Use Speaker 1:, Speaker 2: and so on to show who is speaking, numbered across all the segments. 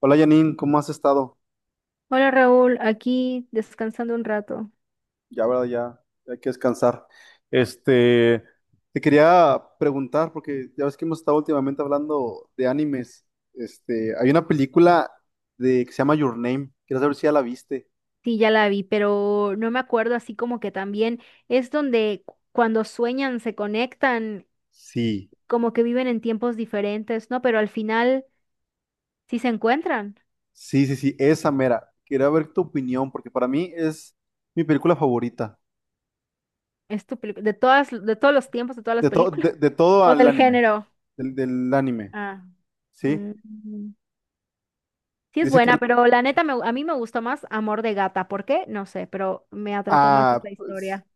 Speaker 1: Hola Janine, ¿cómo has estado?
Speaker 2: Hola Raúl, aquí descansando un rato.
Speaker 1: Ya, verdad, ya, ya hay que descansar. Este, Te quería preguntar, porque ya ves que hemos estado últimamente hablando de animes. Hay una película que se llama Your Name. Quiero saber si ya la viste.
Speaker 2: Sí, ya la vi, pero no me acuerdo así como que también es donde cuando sueñan se conectan,
Speaker 1: Sí,
Speaker 2: como que viven en tiempos diferentes, ¿no? Pero al final sí se encuentran.
Speaker 1: sí, sí, sí, esa mera. Quería ver tu opinión, porque para mí es mi película favorita.
Speaker 2: Es de todas, de todos los tiempos, de todas las
Speaker 1: De, todo
Speaker 2: películas.
Speaker 1: de, de todo
Speaker 2: O
Speaker 1: el
Speaker 2: del
Speaker 1: anime.
Speaker 2: género.
Speaker 1: Del anime,
Speaker 2: Ah.
Speaker 1: ¿sí?
Speaker 2: mm, mm. Sí es
Speaker 1: Dice que.
Speaker 2: buena, pero la neta a mí me gustó más Amor de Gata. ¿Por qué? No sé, pero me atrapó más esa
Speaker 1: Pues,
Speaker 2: historia.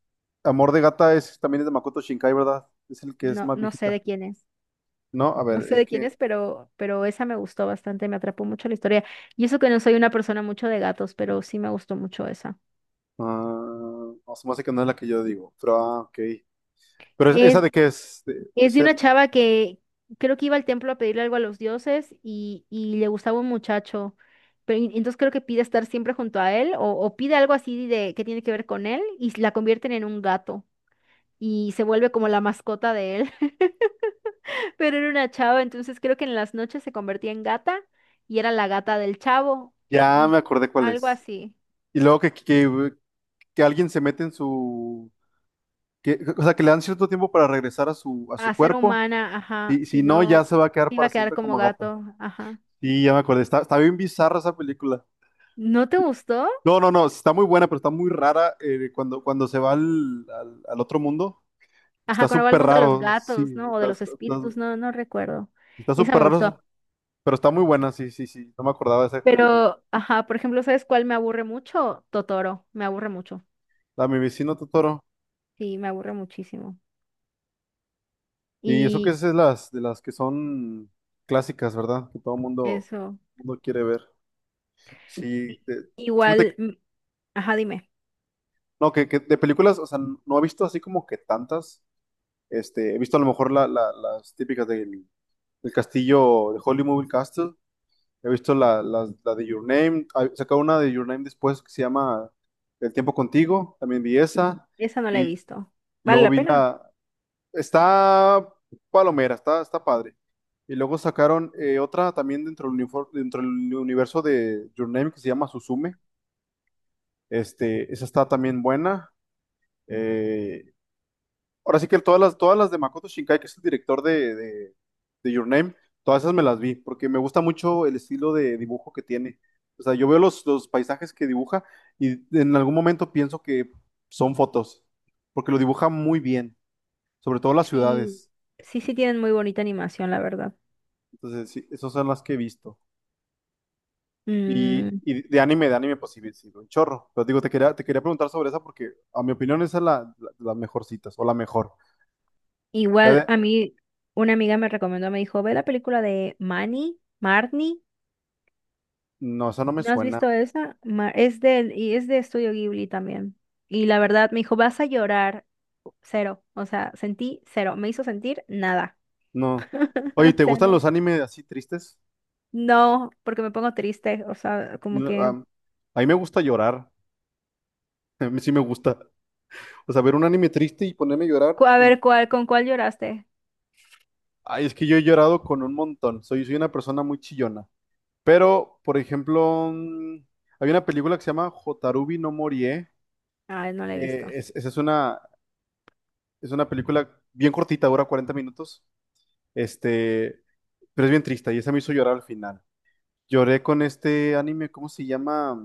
Speaker 1: Amor de Gata es, también es de Makoto Shinkai, ¿verdad? Es el que es
Speaker 2: No,
Speaker 1: más
Speaker 2: no sé
Speaker 1: viejita.
Speaker 2: de quién es.
Speaker 1: No, a
Speaker 2: No
Speaker 1: ver,
Speaker 2: sé
Speaker 1: es
Speaker 2: de quién
Speaker 1: que.
Speaker 2: es, pero esa me gustó bastante, me atrapó mucho la historia. Y eso que no soy una persona mucho de gatos, pero sí me gustó mucho esa.
Speaker 1: Ah, no, se me hace que no es la que yo digo, pero ah, ok. Pero esa
Speaker 2: Es,
Speaker 1: de qué es.
Speaker 2: es de una chava que creo que iba al templo a pedirle algo a los dioses y le gustaba un muchacho. Pero entonces creo que pide estar siempre junto a él o pide algo así de que tiene que ver con él y la convierten en un gato y se vuelve como la mascota de él. Pero era una chava, entonces creo que en las noches se convertía en gata y era la gata del chavo
Speaker 1: Ya me
Speaker 2: y
Speaker 1: acordé cuál
Speaker 2: algo
Speaker 1: es.
Speaker 2: así.
Speaker 1: Y luego que alguien se mete en su. Que, o sea, que le dan cierto tiempo para regresar a su
Speaker 2: A ser
Speaker 1: cuerpo.
Speaker 2: humana, ajá,
Speaker 1: Y
Speaker 2: si
Speaker 1: si no, ya
Speaker 2: no,
Speaker 1: se va a quedar
Speaker 2: iba
Speaker 1: para
Speaker 2: a quedar
Speaker 1: siempre
Speaker 2: como
Speaker 1: como gato.
Speaker 2: gato, ajá.
Speaker 1: Sí, ya me acordé. Está bien bizarra esa película.
Speaker 2: ¿No te gustó?
Speaker 1: No, no, no, está muy buena, pero está muy rara cuando se va al otro mundo.
Speaker 2: Ajá,
Speaker 1: Está
Speaker 2: cuando va al
Speaker 1: súper
Speaker 2: mundo de los
Speaker 1: raro,
Speaker 2: gatos,
Speaker 1: sí,
Speaker 2: ¿no? O de
Speaker 1: está,
Speaker 2: los
Speaker 1: está, está-
Speaker 2: espíritus, no, no recuerdo.
Speaker 1: está
Speaker 2: Esa
Speaker 1: súper
Speaker 2: me gustó.
Speaker 1: raro, pero está muy buena, sí, sí, sí, no me acordaba de esa película.
Speaker 2: Pero, ajá, por ejemplo, ¿sabes cuál me aburre mucho? Totoro, me aburre mucho.
Speaker 1: La de Mi vecino Totoro.
Speaker 2: Sí, me aburre muchísimo.
Speaker 1: Y eso que
Speaker 2: Y
Speaker 1: es de las que son clásicas, ¿verdad? Que todo mundo,
Speaker 2: eso.
Speaker 1: mundo quiere ver. Sí,
Speaker 2: i-
Speaker 1: de- fíjate,
Speaker 2: Igual, ajá, dime,
Speaker 1: no, que de películas, o sea, no he visto así como que tantas. He visto a lo mejor las típicas del castillo de Holy Castle. He visto la de Your Name. Sacó una de Your Name después que se llama El tiempo contigo. También vi esa.
Speaker 2: esa no la he
Speaker 1: Vi,
Speaker 2: visto.
Speaker 1: y
Speaker 2: ¿Vale
Speaker 1: luego
Speaker 2: la
Speaker 1: vi
Speaker 2: pena?
Speaker 1: la. Está palomera, está padre. Y luego sacaron otra también dentro dentro del universo de Your Name que se llama Suzume. Esa está también buena. Eh, Ahora sí que todas las de Makoto Shinkai, que es el director de Your Name, todas esas me las vi, porque me gusta mucho el estilo de dibujo que tiene. O sea, yo veo los paisajes que dibuja y en algún momento pienso que son fotos, porque lo dibuja muy bien, sobre todo las
Speaker 2: Sí,
Speaker 1: ciudades.
Speaker 2: sí, sí tienen muy bonita animación, la verdad.
Speaker 1: Entonces, sí, esas son las que he visto. Y,
Speaker 2: Mm.
Speaker 1: y de anime, pues sí, sí, un chorro. Pero digo, te quería preguntar sobre esa porque, a mi opinión, esa es las mejorcitas, o la mejor. Ya
Speaker 2: Igual
Speaker 1: de,
Speaker 2: a mí una amiga me recomendó, me dijo, ve la película de Manny, Marnie,
Speaker 1: no, esa no me
Speaker 2: ¿no has
Speaker 1: suena.
Speaker 2: visto esa? Es del, y es de Estudio Ghibli también. Y la verdad me dijo, vas a llorar cero, o sea, sentí cero, me hizo sentir nada.
Speaker 1: No. Oye,
Speaker 2: O
Speaker 1: ¿te
Speaker 2: sea,
Speaker 1: gustan
Speaker 2: no.
Speaker 1: los animes así tristes?
Speaker 2: No, porque me pongo triste, o sea, como
Speaker 1: No,
Speaker 2: que,
Speaker 1: a mí me gusta llorar. A mí sí me gusta. O sea, ver un anime triste y ponerme a llorar.
Speaker 2: a ver, ¿cuál, con cuál lloraste?
Speaker 1: Ay, es que yo he llorado con un montón. Soy una persona muy chillona. Pero, por ejemplo, hay una película que se llama Hotarubi no Morie.
Speaker 2: Ay, no la he visto.
Speaker 1: Esa es una película bien cortita, dura 40 minutos. Este, pero es bien triste y esa me hizo llorar al final. Lloré con este anime, ¿cómo se llama?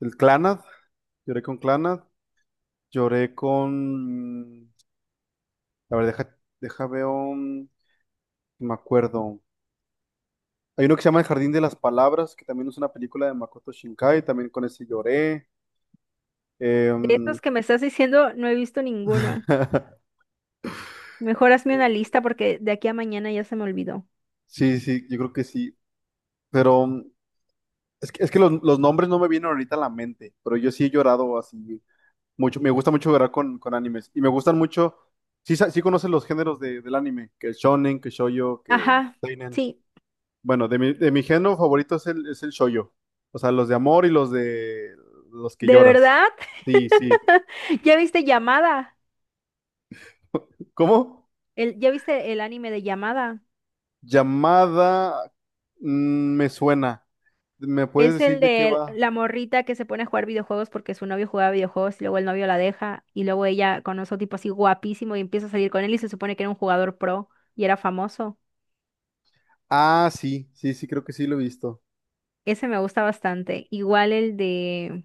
Speaker 1: El Clannad. Lloré con Clannad. Lloré con. A ver, deja veo. Me acuerdo. Hay uno que se llama El Jardín de las Palabras, que también es una película de Makoto Shinkai, también con ese lloré.
Speaker 2: De
Speaker 1: Em,
Speaker 2: estos que me estás diciendo, no he visto ninguno. Mejor hazme una lista porque de aquí a mañana ya se me olvidó.
Speaker 1: sí, sí, yo creo que sí. Pero es que, los nombres no me vienen ahorita a la mente, pero yo sí he llorado así mucho. Me gusta mucho llorar con animes. Y me gustan mucho. Sí, sí conoces los géneros del anime, que es shonen, que shoujo, que
Speaker 2: Ajá,
Speaker 1: seinen.
Speaker 2: sí.
Speaker 1: Bueno, de mi género favorito es el shoujo. O sea, los de amor y los de los que
Speaker 2: ¿De
Speaker 1: lloras.
Speaker 2: verdad?
Speaker 1: Sí, sí.
Speaker 2: ¿Ya viste Llamada?
Speaker 1: ¿Cómo?
Speaker 2: El, ¿ya viste el anime de Llamada?
Speaker 1: Llamada, me suena. ¿Me puedes
Speaker 2: Es
Speaker 1: decir
Speaker 2: el
Speaker 1: de qué
Speaker 2: de
Speaker 1: va?
Speaker 2: la morrita que se pone a jugar videojuegos porque su novio jugaba videojuegos y luego el novio la deja y luego ella conoce a un tipo así guapísimo y empieza a salir con él y se supone que era un jugador pro y era famoso.
Speaker 1: Ah, sí, sí, sí, creo que sí lo he visto.
Speaker 2: Ese me gusta bastante. Igual el de...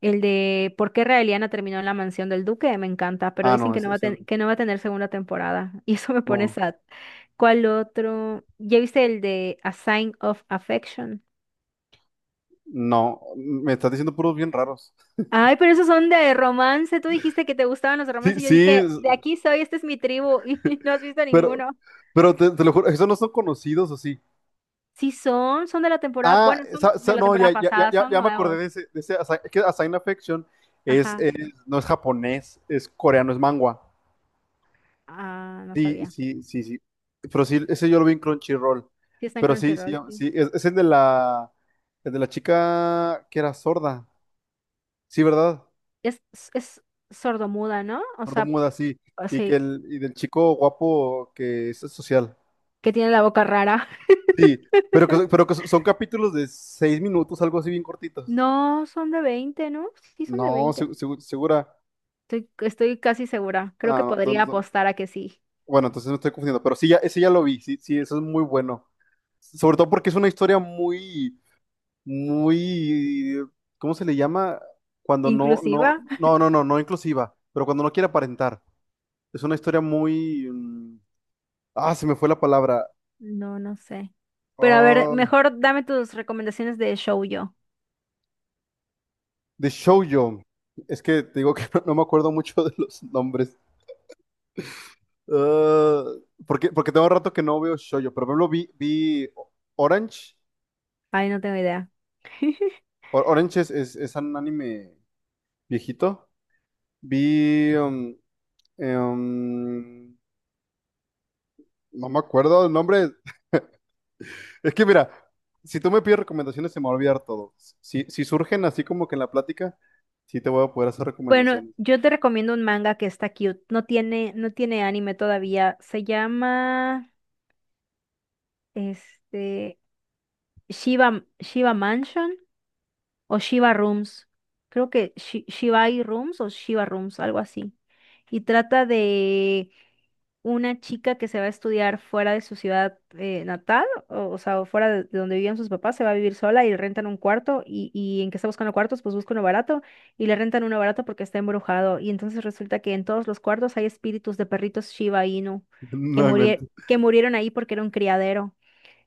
Speaker 2: El de ¿Por qué Raeliana terminó en la mansión del duque? Me encanta, pero
Speaker 1: Ah,
Speaker 2: dicen
Speaker 1: no,
Speaker 2: que no va a, que no va a tener segunda temporada. Y eso me pone
Speaker 1: no,
Speaker 2: sad. ¿Cuál otro? ¿Ya viste el de A Sign of Affection?
Speaker 1: no, me estás diciendo puros bien raros.
Speaker 2: Ay, pero esos son de romance. Tú dijiste que te gustaban los
Speaker 1: Sí,
Speaker 2: romances. Yo
Speaker 1: sí,
Speaker 2: dije, de aquí soy, esta es mi tribu. Y no has visto
Speaker 1: pero,
Speaker 2: ninguno.
Speaker 1: pero te lo juro, esos no son conocidos o sí.
Speaker 2: Sí son, son de la temporada,
Speaker 1: Ah,
Speaker 2: bueno, son de la
Speaker 1: no, ya,
Speaker 2: temporada
Speaker 1: ya, ya,
Speaker 2: pasada,
Speaker 1: ya
Speaker 2: son
Speaker 1: ya me acordé de
Speaker 2: nuevos.
Speaker 1: ese, de ese es que Asign Affection es,
Speaker 2: Ajá.
Speaker 1: es- no es japonés, es coreano, es manhwa.
Speaker 2: Ah, no
Speaker 1: Sí,
Speaker 2: sabía.
Speaker 1: sí, sí, sí. Pero sí, ese yo lo vi en Crunchyroll.
Speaker 2: Sí está en
Speaker 1: Pero sí, sí,
Speaker 2: Crunchyroll, sí.
Speaker 1: sí, es el de la chica que era sorda. Sí, ¿verdad?
Speaker 2: Es sordomuda, ¿no? O sea,
Speaker 1: Sordomuda, sí. Y del chico guapo que es social.
Speaker 2: que tiene la boca rara.
Speaker 1: Sí, pero que, pero que son capítulos de 6 minutos, algo así bien cortitos.
Speaker 2: No, son de 20, ¿no? Sí, son de
Speaker 1: No,
Speaker 2: 20.
Speaker 1: segura.
Speaker 2: Estoy, estoy casi segura. Creo que
Speaker 1: Ah, no, no,
Speaker 2: podría
Speaker 1: no.
Speaker 2: apostar a que sí.
Speaker 1: Bueno, entonces no estoy confundiendo, pero sí, ya, ese ya lo vi, sí, sí, eso es muy bueno. Sobre todo porque es una historia muy, muy, ¿cómo se le llama? Cuando no, no,
Speaker 2: ¿Inclusiva?
Speaker 1: no, no, no, no inclusiva, pero cuando no quiere aparentar. Es una historia muy, se me fue la palabra,
Speaker 2: No, no sé. Pero a ver,
Speaker 1: ah,
Speaker 2: mejor dame tus recomendaciones de shoujo.
Speaker 1: de shoujo. Es que te digo que no, no me acuerdo mucho de los nombres. Ah, porque tengo rato que no veo shoujo, pero por ejemplo vi Orange.
Speaker 2: Ay, no tengo idea.
Speaker 1: Orange es un anime viejito. Vi, um, eh, um, no me acuerdo el nombre. Es que mira, si tú me pides recomendaciones se me va a olvidar todo. Si, si surgen así como que en la plática, sí te voy a poder hacer
Speaker 2: Bueno,
Speaker 1: recomendaciones.
Speaker 2: yo te recomiendo un manga que está cute. No tiene, no tiene anime todavía. Se llama, este, Shiba, Shiba Mansion. O Shiva Rooms. Creo que Shibai Rooms o Shiva Rooms, algo así. Y trata de una chica que se va a estudiar fuera de su ciudad natal, o sea, o fuera de donde vivían sus papás, se va a vivir sola y le rentan un cuarto y en que está buscando cuartos, pues busca uno barato y le rentan uno barato porque está embrujado. Y entonces resulta que en todos los cuartos hay espíritus de perritos Shiba Inu que
Speaker 1: No inventes.
Speaker 2: que murieron ahí porque era un criadero.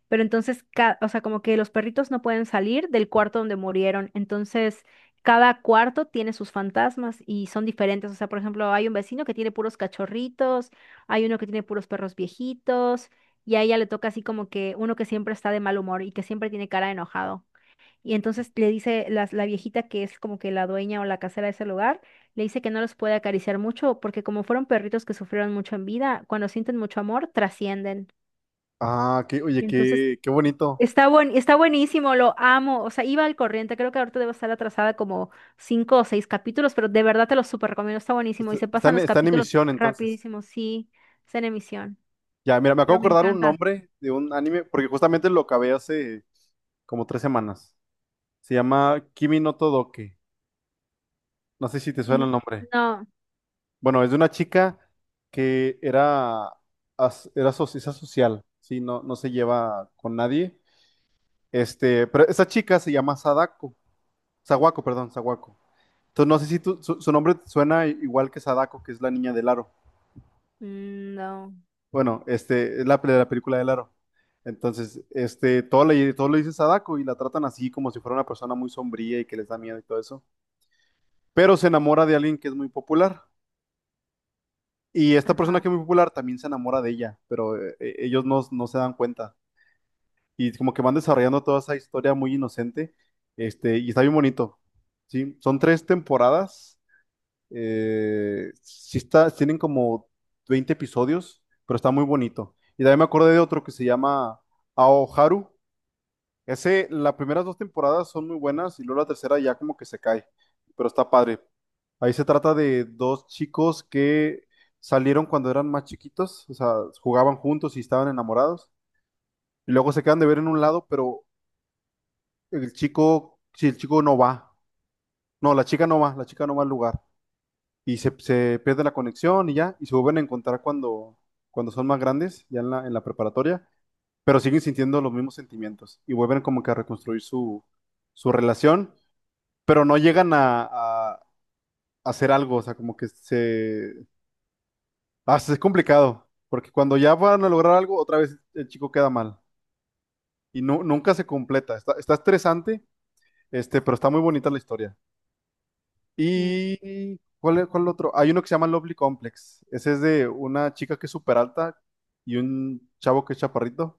Speaker 2: Pero entonces, o sea, como que los perritos no pueden salir del cuarto donde murieron. Entonces, cada cuarto tiene sus fantasmas y son diferentes. O sea, por ejemplo, hay un vecino que tiene puros cachorritos, hay uno que tiene puros perros viejitos, y a ella le toca así como que uno que siempre está de mal humor y que siempre tiene cara de enojado. Y entonces le dice la, la viejita que es como que la dueña o la casera de ese lugar, le dice que no los puede acariciar mucho porque como fueron perritos que sufrieron mucho en vida, cuando sienten mucho amor, trascienden.
Speaker 1: Ah,
Speaker 2: Y
Speaker 1: oye,
Speaker 2: entonces
Speaker 1: qué bonito.
Speaker 2: está está buenísimo, lo amo. O sea, iba al corriente. Creo que ahorita debo estar atrasada como 5 o 6 capítulos, pero de verdad te lo súper recomiendo. Está buenísimo y
Speaker 1: Está,
Speaker 2: se
Speaker 1: está
Speaker 2: pasan
Speaker 1: en,
Speaker 2: los
Speaker 1: está en
Speaker 2: capítulos
Speaker 1: emisión entonces.
Speaker 2: rapidísimo. Sí, está en emisión,
Speaker 1: Ya, mira, me acabo
Speaker 2: pero
Speaker 1: de
Speaker 2: me
Speaker 1: acordar un
Speaker 2: encanta.
Speaker 1: nombre de un anime, porque justamente lo acabé hace como 3 semanas. Se llama Kimi no Todoke. No sé si te suena el
Speaker 2: Y
Speaker 1: nombre.
Speaker 2: no,
Speaker 1: Bueno, es de una chica que era, era socializa social, sí, no, no se lleva con nadie. Pero esa chica se llama Sadako, Sawako, perdón, Sawako. Entonces no sé si su nombre suena igual que Sadako, que es la niña del aro.
Speaker 2: mm, no,
Speaker 1: Bueno, la película del aro. Entonces, todo le dice Sadako y la tratan así como si fuera una persona muy sombría y que les da miedo y todo eso. Pero se enamora de alguien que es muy popular. Y esta persona
Speaker 2: ajá,
Speaker 1: que es muy popular también se enamora de ella, pero ellos no, no se dan cuenta. Y como que van desarrollando toda esa historia muy inocente, y está bien bonito. Sí, son 3 temporadas. Sí tienen como 20 episodios, pero está muy bonito. Y también me acordé de otro que se llama Aoharu. Ese, las primeras 2 temporadas son muy buenas y luego la tercera ya como que se cae, pero está padre. Ahí se trata de dos chicos que salieron cuando eran más chiquitos, o sea, jugaban juntos y estaban enamorados, y luego se quedan de ver en un lado, pero el chico, si el chico no va, no, la chica no va, la chica no va al lugar, y se pierde la conexión y ya, y se vuelven a encontrar cuando son más grandes, ya en la preparatoria, pero siguen sintiendo los mismos sentimientos y vuelven como que a reconstruir su relación. Pero no llegan a, a hacer algo, o sea, como que se. Ah, es complicado, porque cuando ya van a lograr algo, otra vez el chico queda mal y nunca se completa. Está estresante, pero está muy bonita la historia.
Speaker 2: mm,
Speaker 1: ¿Y cuál otro? Hay uno que se llama Lovely Complex. Ese es de una chica que es súper alta y un chavo que es chaparrito,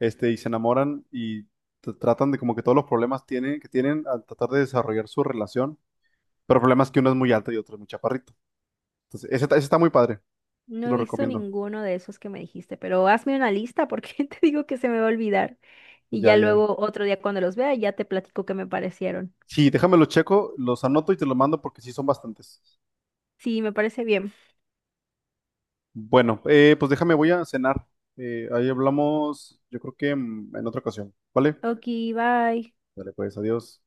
Speaker 1: y se enamoran y tratan de como que todos los problemas tienen, que tienen al tratar de desarrollar su relación, pero el problema es que uno es muy alto y otro es muy chaparrito. Entonces, ese está muy padre, te
Speaker 2: no he
Speaker 1: lo
Speaker 2: visto
Speaker 1: recomiendo.
Speaker 2: ninguno de esos que me dijiste, pero hazme una lista porque te digo que se me va a olvidar. Y
Speaker 1: Ya,
Speaker 2: ya
Speaker 1: ya.
Speaker 2: luego otro día cuando los vea ya te platico qué me parecieron.
Speaker 1: Sí, déjame lo checo, los anoto y te lo mando porque sí son bastantes.
Speaker 2: Sí, me parece bien.
Speaker 1: Bueno, pues déjame, voy a cenar. Ahí hablamos, yo creo que en otra ocasión, ¿vale?
Speaker 2: Ok, bye.
Speaker 1: Dale, pues, adiós.